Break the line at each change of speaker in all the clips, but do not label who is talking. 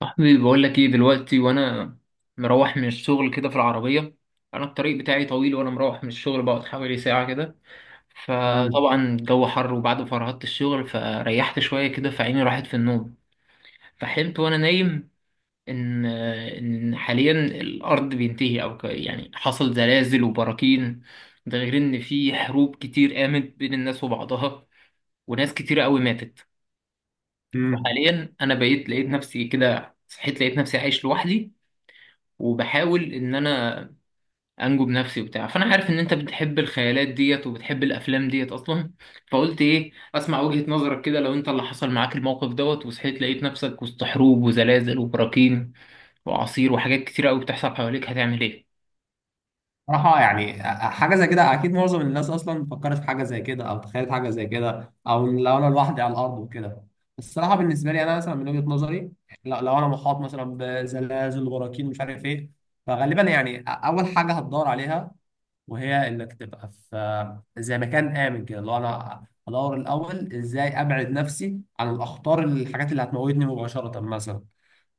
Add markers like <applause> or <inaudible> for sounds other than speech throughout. صاحبي بقول لك ايه دلوقتي، وانا مروح من الشغل كده في العربيه. انا الطريق بتاعي طويل، وانا مروح من الشغل بقعد حوالي ساعه كده.
مم.
فطبعا الجو حر، وبعد ما فرهدت الشغل فريحت شويه كده، فعيني راحت في النوم. فحلمت وانا نايم ان حاليا الارض بينتهي، او يعني حصل زلازل وبراكين. ده غير ان في حروب كتير قامت بين الناس وبعضها، وناس كتير قوي ماتت.
مم.
وحاليا انا بقيت لقيت نفسي كده، صحيت لقيت نفسي عايش لوحدي، وبحاول ان انا انجو بنفسي وبتاع. فانا عارف ان انت بتحب الخيالات ديت وبتحب الافلام ديت اصلا، فقلت ايه، اسمع وجهة نظرك كده. لو انت اللي حصل معاك الموقف دوت، وصحيت لقيت نفسك وسط حروب وزلازل وبراكين واعاصير وحاجات كتيرة قوي بتحصل حواليك، هتعمل ايه؟
صراحة يعني حاجة زي كده أكيد معظم الناس أصلا فكرت في حاجة زي كده أو تخيلت حاجة زي كده أو لو أنا لوحدي على الأرض وكده. الصراحة بالنسبة لي أنا مثلا من وجهة نظري، لو أنا محاط مثلا بزلازل براكين مش عارف إيه. فغالبا يعني أول حاجة هتدور عليها وهي إنك تبقى في زي مكان آمن كده. لو أنا أدور الأول إزاي أبعد نفسي عن الأخطار، الحاجات اللي هتموتني مباشرة مثلا،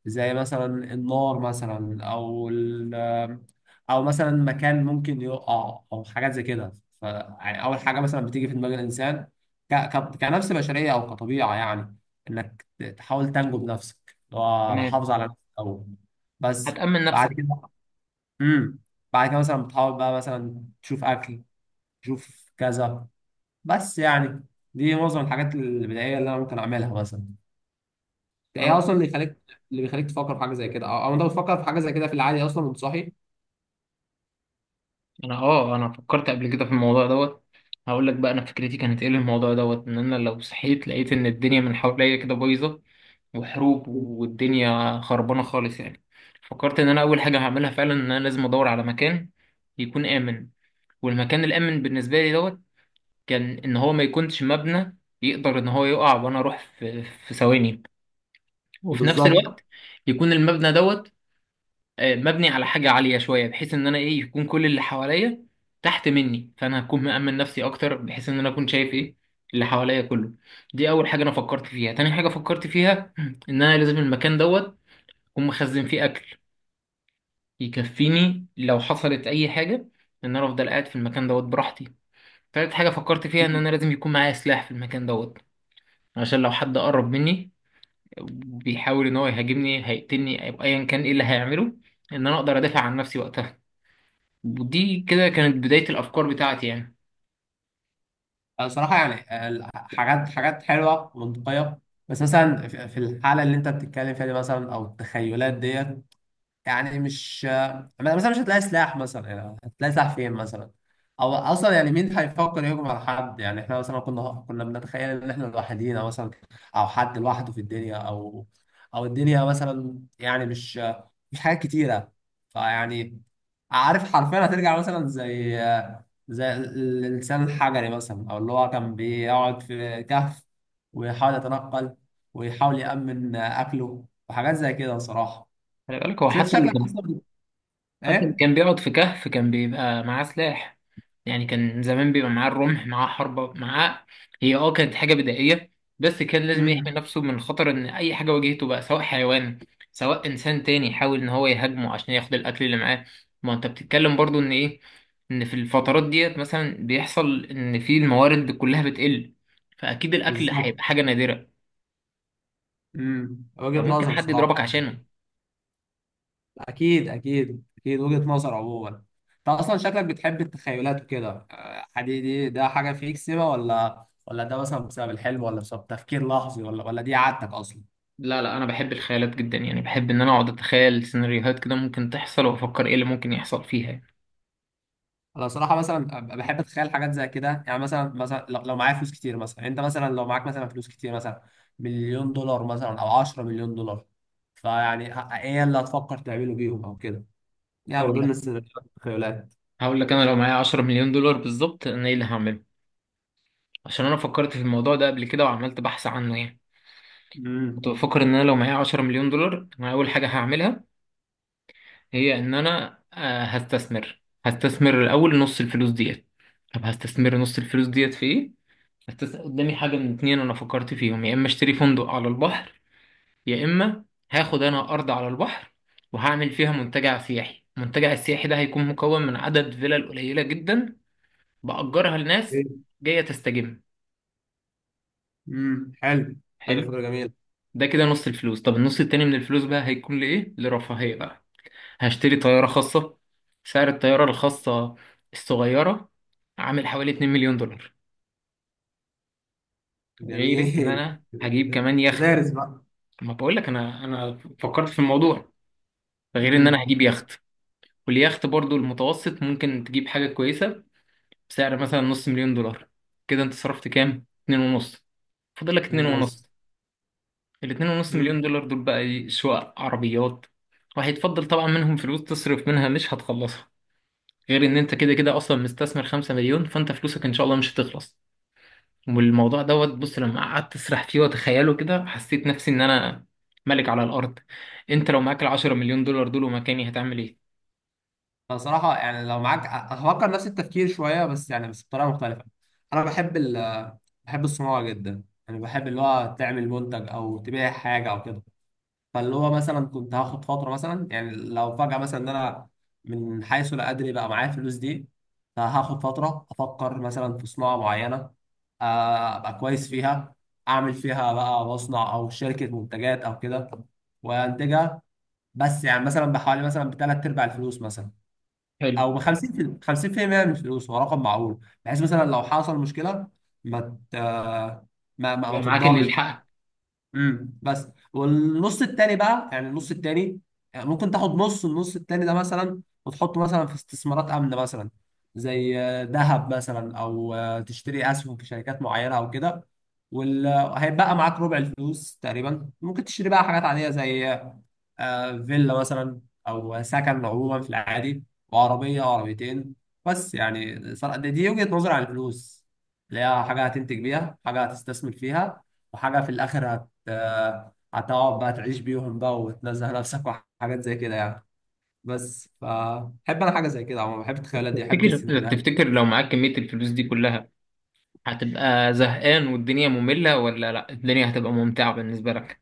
زي مثلا النار مثلا، او مثلا مكان ممكن يقع او حاجات زي كده. ف يعني اول حاجه مثلا بتيجي في دماغ الانسان كنفس بشريه او كطبيعه، يعني انك تحاول تنجو بنفسك، اللي هو انا
تمام،
حافظ على نفسي الاول بس.
هتأمن
بعد
نفسك.
كده، امم بعد كده مثلا بتحاول بقى مثلا تشوف اكل، تشوف كذا، بس يعني دي معظم الحاجات البدائيه اللي انا ممكن اعملها مثلا. ايه
انا
اصلا اللي يخليك، اللي بيخليك تفكر في حاجه زي كده، او أو انت بتفكر في حاجه زي كده في العادي اصلا وانت صاحي؟
انا فكرت قبل كده في الموضوع دوت. هقول لك بقى انا فكرتي كانت ايه للموضوع دوت. ان انا لو صحيت لقيت ان الدنيا من حواليا كده بايظه وحروب والدنيا خربانة خالص يعني، فكرت إن أنا أول حاجة هعملها فعلا إن أنا لازم أدور على مكان يكون آمن. والمكان الآمن بالنسبة لي دوت كان إن هو ما يكونش مبنى يقدر إن هو يقع وأنا أروح في ثواني. وفي نفس
بالظبط.
الوقت يكون المبنى دوت، مبني على حاجة عالية شوية، بحيث إن أنا إيه يكون كل اللي حواليا تحت مني، فأنا هكون مأمن نفسي أكتر، بحيث إن أنا أكون شايف إيه اللي حواليا كله. دي أول حاجة أنا فكرت فيها. تاني حاجة فكرت فيها <clears throat> إن أنا لازم المكان دوت أقوم مخزن فيه أكل يكفيني لو حصلت أي حاجة، إن أنا أفضل قاعد في المكان دوت براحتي. تالت حاجة فكرت فيها إن أنا لازم يكون معايا سلاح في المكان دوت، عشان لو حد قرب مني بيحاول إن هو يهاجمني هيقتلني أو أيا كان إيه اللي هيعمله، إن أنا أقدر أدافع عن نفسي وقتها. ودي كده كانت بداية الأفكار بتاعتي يعني.
أنا صراحه يعني حاجات حلوه ومنطقيه، بس مثلا في في الحاله اللي انت بتتكلم فيها دي مثلا او التخيلات ديت، يعني مش، مثلا مش هتلاقي سلاح مثلا، يعني هتلاقي سلاح فين مثلا؟ او اصلا يعني مين هيفكر يهجم على حد؟ يعني احنا مثلا كنا بنتخيل ان احنا لوحدينا مثلا، او حد لوحده في الدنيا، او الدنيا مثلا، يعني مش حاجات كتيره، فيعني، عارف حرفيا هترجع مثلا زي الانسان الحجري مثلا، او اللي هو كان بيقعد في كهف ويحاول يتنقل ويحاول يأمن اكله وحاجات زي كده بصراحه.
خلي بالك، هو
بس انت
حتى اللي
شكلك
كان،
اصلا
حتى اللي
ايه؟
كان بيقعد في كهف كان بيبقى معاه سلاح. يعني كان زمان بيبقى معاه الرمح، معاه حربة معاه. هي كانت حاجة بدائية، بس كان لازم يحمي
امم.
نفسه من خطر ان اي حاجة واجهته بقى، سواء حيوان، سواء انسان تاني يحاول ان هو يهاجمه عشان ياخد الاكل اللي معاه. ما انت بتتكلم برضو ان ايه، ان في الفترات ديت مثلا بيحصل ان في الموارد كلها بتقل، فاكيد الاكل
بالظبط.
هيبقى حاجة نادرة،
امم. وجهة
فممكن
نظر
حد
صراحة
يضربك
يعني.
عشانه.
اكيد اكيد اكيد وجهة نظر عموما. انت اصلا شكلك بتحب التخيلات وكده. حدي دي ده حاجة فيك سبا ولا ده مثلا بسبب الحلم ولا بسبب تفكير لحظي ولا دي عادتك اصلا؟
لا لا، انا بحب الخيالات جدا، يعني بحب ان انا اقعد اتخيل سيناريوهات كده ممكن تحصل، وافكر ايه اللي ممكن يحصل فيها.
انا صراحة مثلا بحب اتخيل حاجات زي كده، يعني مثلا لو معايا فلوس كتير مثلا، انت مثلا لو معاك مثلا فلوس كتير مثلا، مليون دولار مثلا او 10 مليون دولار، فيعني ايه اللي هتفكر تعمله بيهم او كده؟ يا عم
او
دول السيناريوهات والتخيلات.
هقول لك انا لو معايا 10 مليون دولار بالظبط انا ايه اللي هعمله. عشان انا فكرت في الموضوع ده قبل كده، وعملت بحث عنه يعني. كنت
امم.
بفكر ان انا لو معايا 10 مليون دولار انا اول حاجه هعملها هي ان انا هستثمر الاول نص الفلوس ديت. طب هستثمر نص الفلوس ديت في ايه؟ قدامي حاجه من اتنين انا فكرت فيهم. يا اما اشتري فندق على البحر، يا اما هاخد انا ارض على البحر وهعمل فيها منتجع سياحي. المنتجع السياحي ده هيكون مكون من عدد فيلل قليله جدا بأجرها لناس جايه تستجم.
حلو. حلو
حلو.
فكرة جميلة.
ده كده نص الفلوس. طب النص التاني من الفلوس بقى هيكون لإيه؟ لرفاهية بقى. هشتري طيارة خاصة. سعر الطيارة الخاصة الصغيرة عامل حوالي 2 مليون دولار. غير ان
جميل.
انا هجيب كمان يخت.
مدارس بقى.
ما بقول لك انا فكرت في الموضوع. غير ان انا
امم.
هجيب يخت. واليخت برضو المتوسط ممكن تجيب حاجة كويسة بسعر مثلا نص مليون دولار. كده انت صرفت كام؟ اتنين ونص. فاضل لك اتنين ونص.
بص.
الاتنين ونص
امم.
مليون دولار دول بقى ايه؟ شقق، عربيات. وهيتفضل طبعا منهم فلوس تصرف منها مش هتخلصها. غير ان انت كده كده اصلا مستثمر 5 مليون، فانت فلوسك ان شاء الله مش هتخلص. والموضوع دوت، بص، لما قعدت اسرح فيه واتخيله كده، حسيت نفسي ان انا ملك على الارض. انت لو معاك ال10 مليون دولار دول ومكاني هتعمل ايه؟
أنا صراحة يعني لو معاك، أفكر نفس التفكير شوية، بس يعني بس بطريقة مختلفة. أنا بحب بحب الصناعة جدا، يعني بحب اللي هو تعمل منتج أو تبيع حاجة أو كده. فاللي هو مثلا كنت هاخد فترة مثلا، يعني لو فجأة مثلا إن أنا من حيث لا أدري بقى معايا الفلوس دي، فهاخد فترة أفكر مثلا في صناعة معينة، أبقى كويس فيها، أعمل فيها بقى مصنع أو شركة منتجات أو كده وأنتجها، بس يعني مثلا بحوالي مثلا بتلات أرباع الفلوس مثلا،
حلو.
أو ب 50 50% من الفلوس هو رقم معقول، بحيث مثلا لو حصل مشكلة، ما ت- ما
يبقى معاك اللي
تتضرش.
يلحقك.
امم. بس والنص التاني بقى، يعني النص التاني، يعني ممكن تاخد نص النص التاني ده مثلا وتحطه مثلا في استثمارات آمنة مثلا، زي ذهب مثلا، او تشتري اسهم في شركات معينة او كده. وهيبقى معاك ربع الفلوس تقريبا، ممكن تشتري بقى حاجات عادية زي فيلا مثلا، او سكن عموما في العادي، وعربيه أو عربيتين. بس يعني صراحة دي وجهه نظري عن الفلوس، اللي هي حاجه هتنتج بيها، حاجه هتستثمر فيها، وحاجه في الاخر هت هتقعد بقى تعيش بيهم بقى وتنزه نفسك وحاجات زي كده يعني. بس فبحب انا حاجه زي كده عموما، بحب التخيلات دي، بحب
تفتكر،
السيناريوهات دي.
تفتكر لو معاك كمية الفلوس دي كلها هتبقى زهقان والدنيا مملة، ولا لا الدنيا هتبقى ممتعة بالنسبة لك؟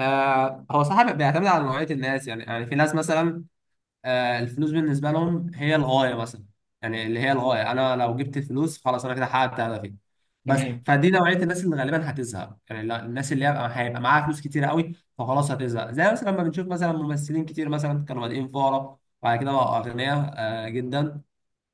هو صح بيعتمد على نوعيه الناس. يعني في ناس مثلا الفلوس بالنسبة لهم هي الغاية مثلا، يعني اللي هي الغاية أنا لو جبت الفلوس خلاص أنا كده حققت هدفي بس.
تمام.
فدي نوعية الناس اللي غالبا هتزهق، يعني الناس اللي هيبقى معاها فلوس كتير قوي فخلاص هتزهق، زي مثلا لما بنشوف مثلا ممثلين كتير مثلا كانوا بادئين فقراء وبعد كده بقوا أغنياء جدا،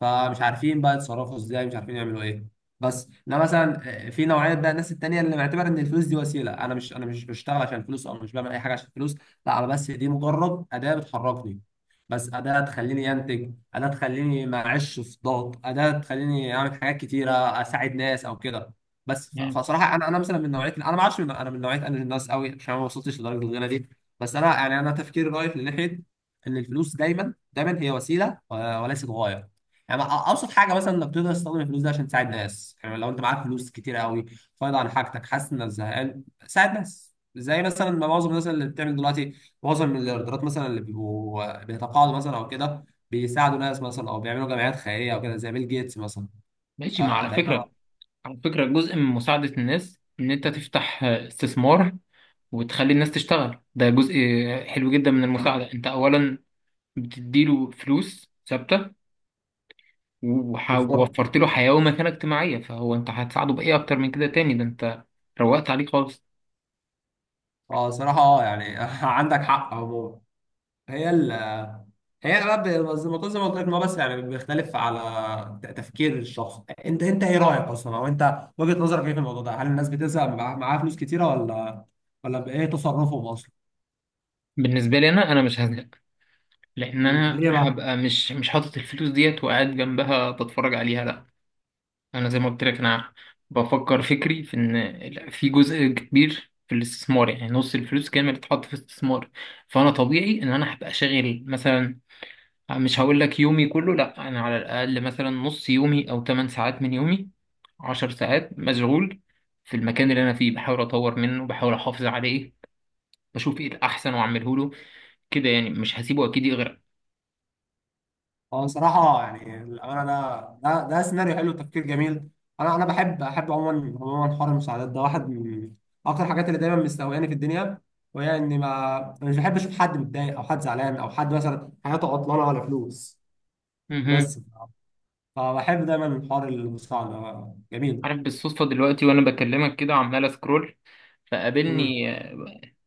فمش عارفين بقى يتصرفوا ازاي، مش عارفين يعملوا ايه بس. ده مثلا. في نوعيه بقى الناس التانيه اللي معتبره ان الفلوس دي وسيله. انا مش بشتغل عشان الفلوس او مش بعمل اي حاجه عشان الفلوس، لا، انا بس دي مجرد اداه بتحركني، بس اداه تخليني انتج، اداه تخليني ما اعيش في ضغط، اداه تخليني اعمل حاجات كتيره، اساعد ناس او كده. بس
تمام.
فصراحه انا مثلا من نوعيه انا ما اعرفش، انا من نوعيه انا الناس قوي عشان ما وصلتش لدرجه الغنى دي. بس انا يعني انا تفكيري رايح لناحيه ان الفلوس دايما دايما هي وسيله وليست غايه. يعني ابسط حاجه مثلا انك تقدر تستخدم الفلوس دي عشان تساعد ناس، يعني لو انت معاك فلوس كتير قوي فاضي عن حاجتك، حاسس انك زهقان، ساعد ناس زي مثلا ما معظم الناس اللي بتعمل دلوقتي، معظم الايرادات مثلا اللي بيبقوا بيتقاعدوا مثلا او كده بيساعدوا ناس مثلا او بيعملوا جمعيات خيريه او كده زي بيل جيتس مثلا.
ماشي. ما
آه
على
تقريبا.
فكرة، جزء من مساعدة الناس إن أنت تفتح استثمار وتخلي الناس تشتغل. ده جزء حلو جدا من المساعدة. أنت أولا بتديله فلوس ثابتة،
بالظبط.
ووفرت له حياة ومكانة اجتماعية، فهو أنت هتساعده بإيه أكتر من كده تاني؟ ده أنت روقت عليه خالص.
اه صراحه اه يعني <laughs> عندك حق عموما. هي ال- هي انا بقى زي ما قلت لك ان هو بس، يعني بيختلف على تفكير الشخص. انت ايه رايك اصلا، او انت وجهه نظرك ايه في الموضوع ده، هل الناس بتزهق بيبقى معاها فلوس كتيره ولا بايه تصرفهم اصلا؟
بالنسبة لي أنا، أنا مش هزهق، لأن
مم.
أنا
ليه بقى؟
هبقى مش حاطط الفلوس ديت وقاعد جنبها بتفرج عليها. لأ، زي ما قلت لك، انا بفكر فكري في ان في جزء كبير في الاستثمار. يعني نص الفلوس كامل تتحط في الاستثمار. فانا طبيعي ان انا هبقى شاغل مثلا. مش هقول لك يومي كله لا، انا على الاقل مثلا نص يومي او 8 ساعات من يومي، 10 ساعات مشغول في المكان اللي انا فيه، بحاول اطور منه، بحاول احافظ عليه، بشوف ايه الاحسن واعمله له، كده يعني. مش هسيبه اكيد يغرق.
هو صراحه يعني الامانه ده سيناريو حلو، تفكير جميل. انا بحب احب عموما عموما حوار المساعدات ده، واحد من اكتر الحاجات اللي دايما مستهوياني في الدنيا، وهي اني ما، أنا مش بحب اشوف حد متضايق او حد زعلان او حد مثلا حياته عطلانه ولا فلوس
مهم.
بس. اه بحب دايما حوار المستعمل جميل.
عارف، بالصدفة دلوقتي وانا بكلمك كده عمال اسكرول،
امم.
فقابلني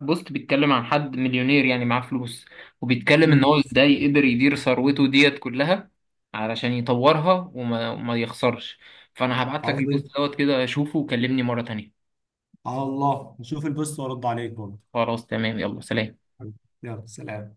بوست بيتكلم عن حد مليونير، يعني معاه فلوس، وبيتكلم ان
امم
هو ازاي قدر يدير ثروته ديت كلها علشان يطورها وما يخسرش. فانا هبعت لك البوست
قصدي.
دوت كده، شوفه وكلمني مرة تانية.
على الله نشوف البوست وارد عليك برضه.
خلاص تمام، يلا سلام.
يلا سلام.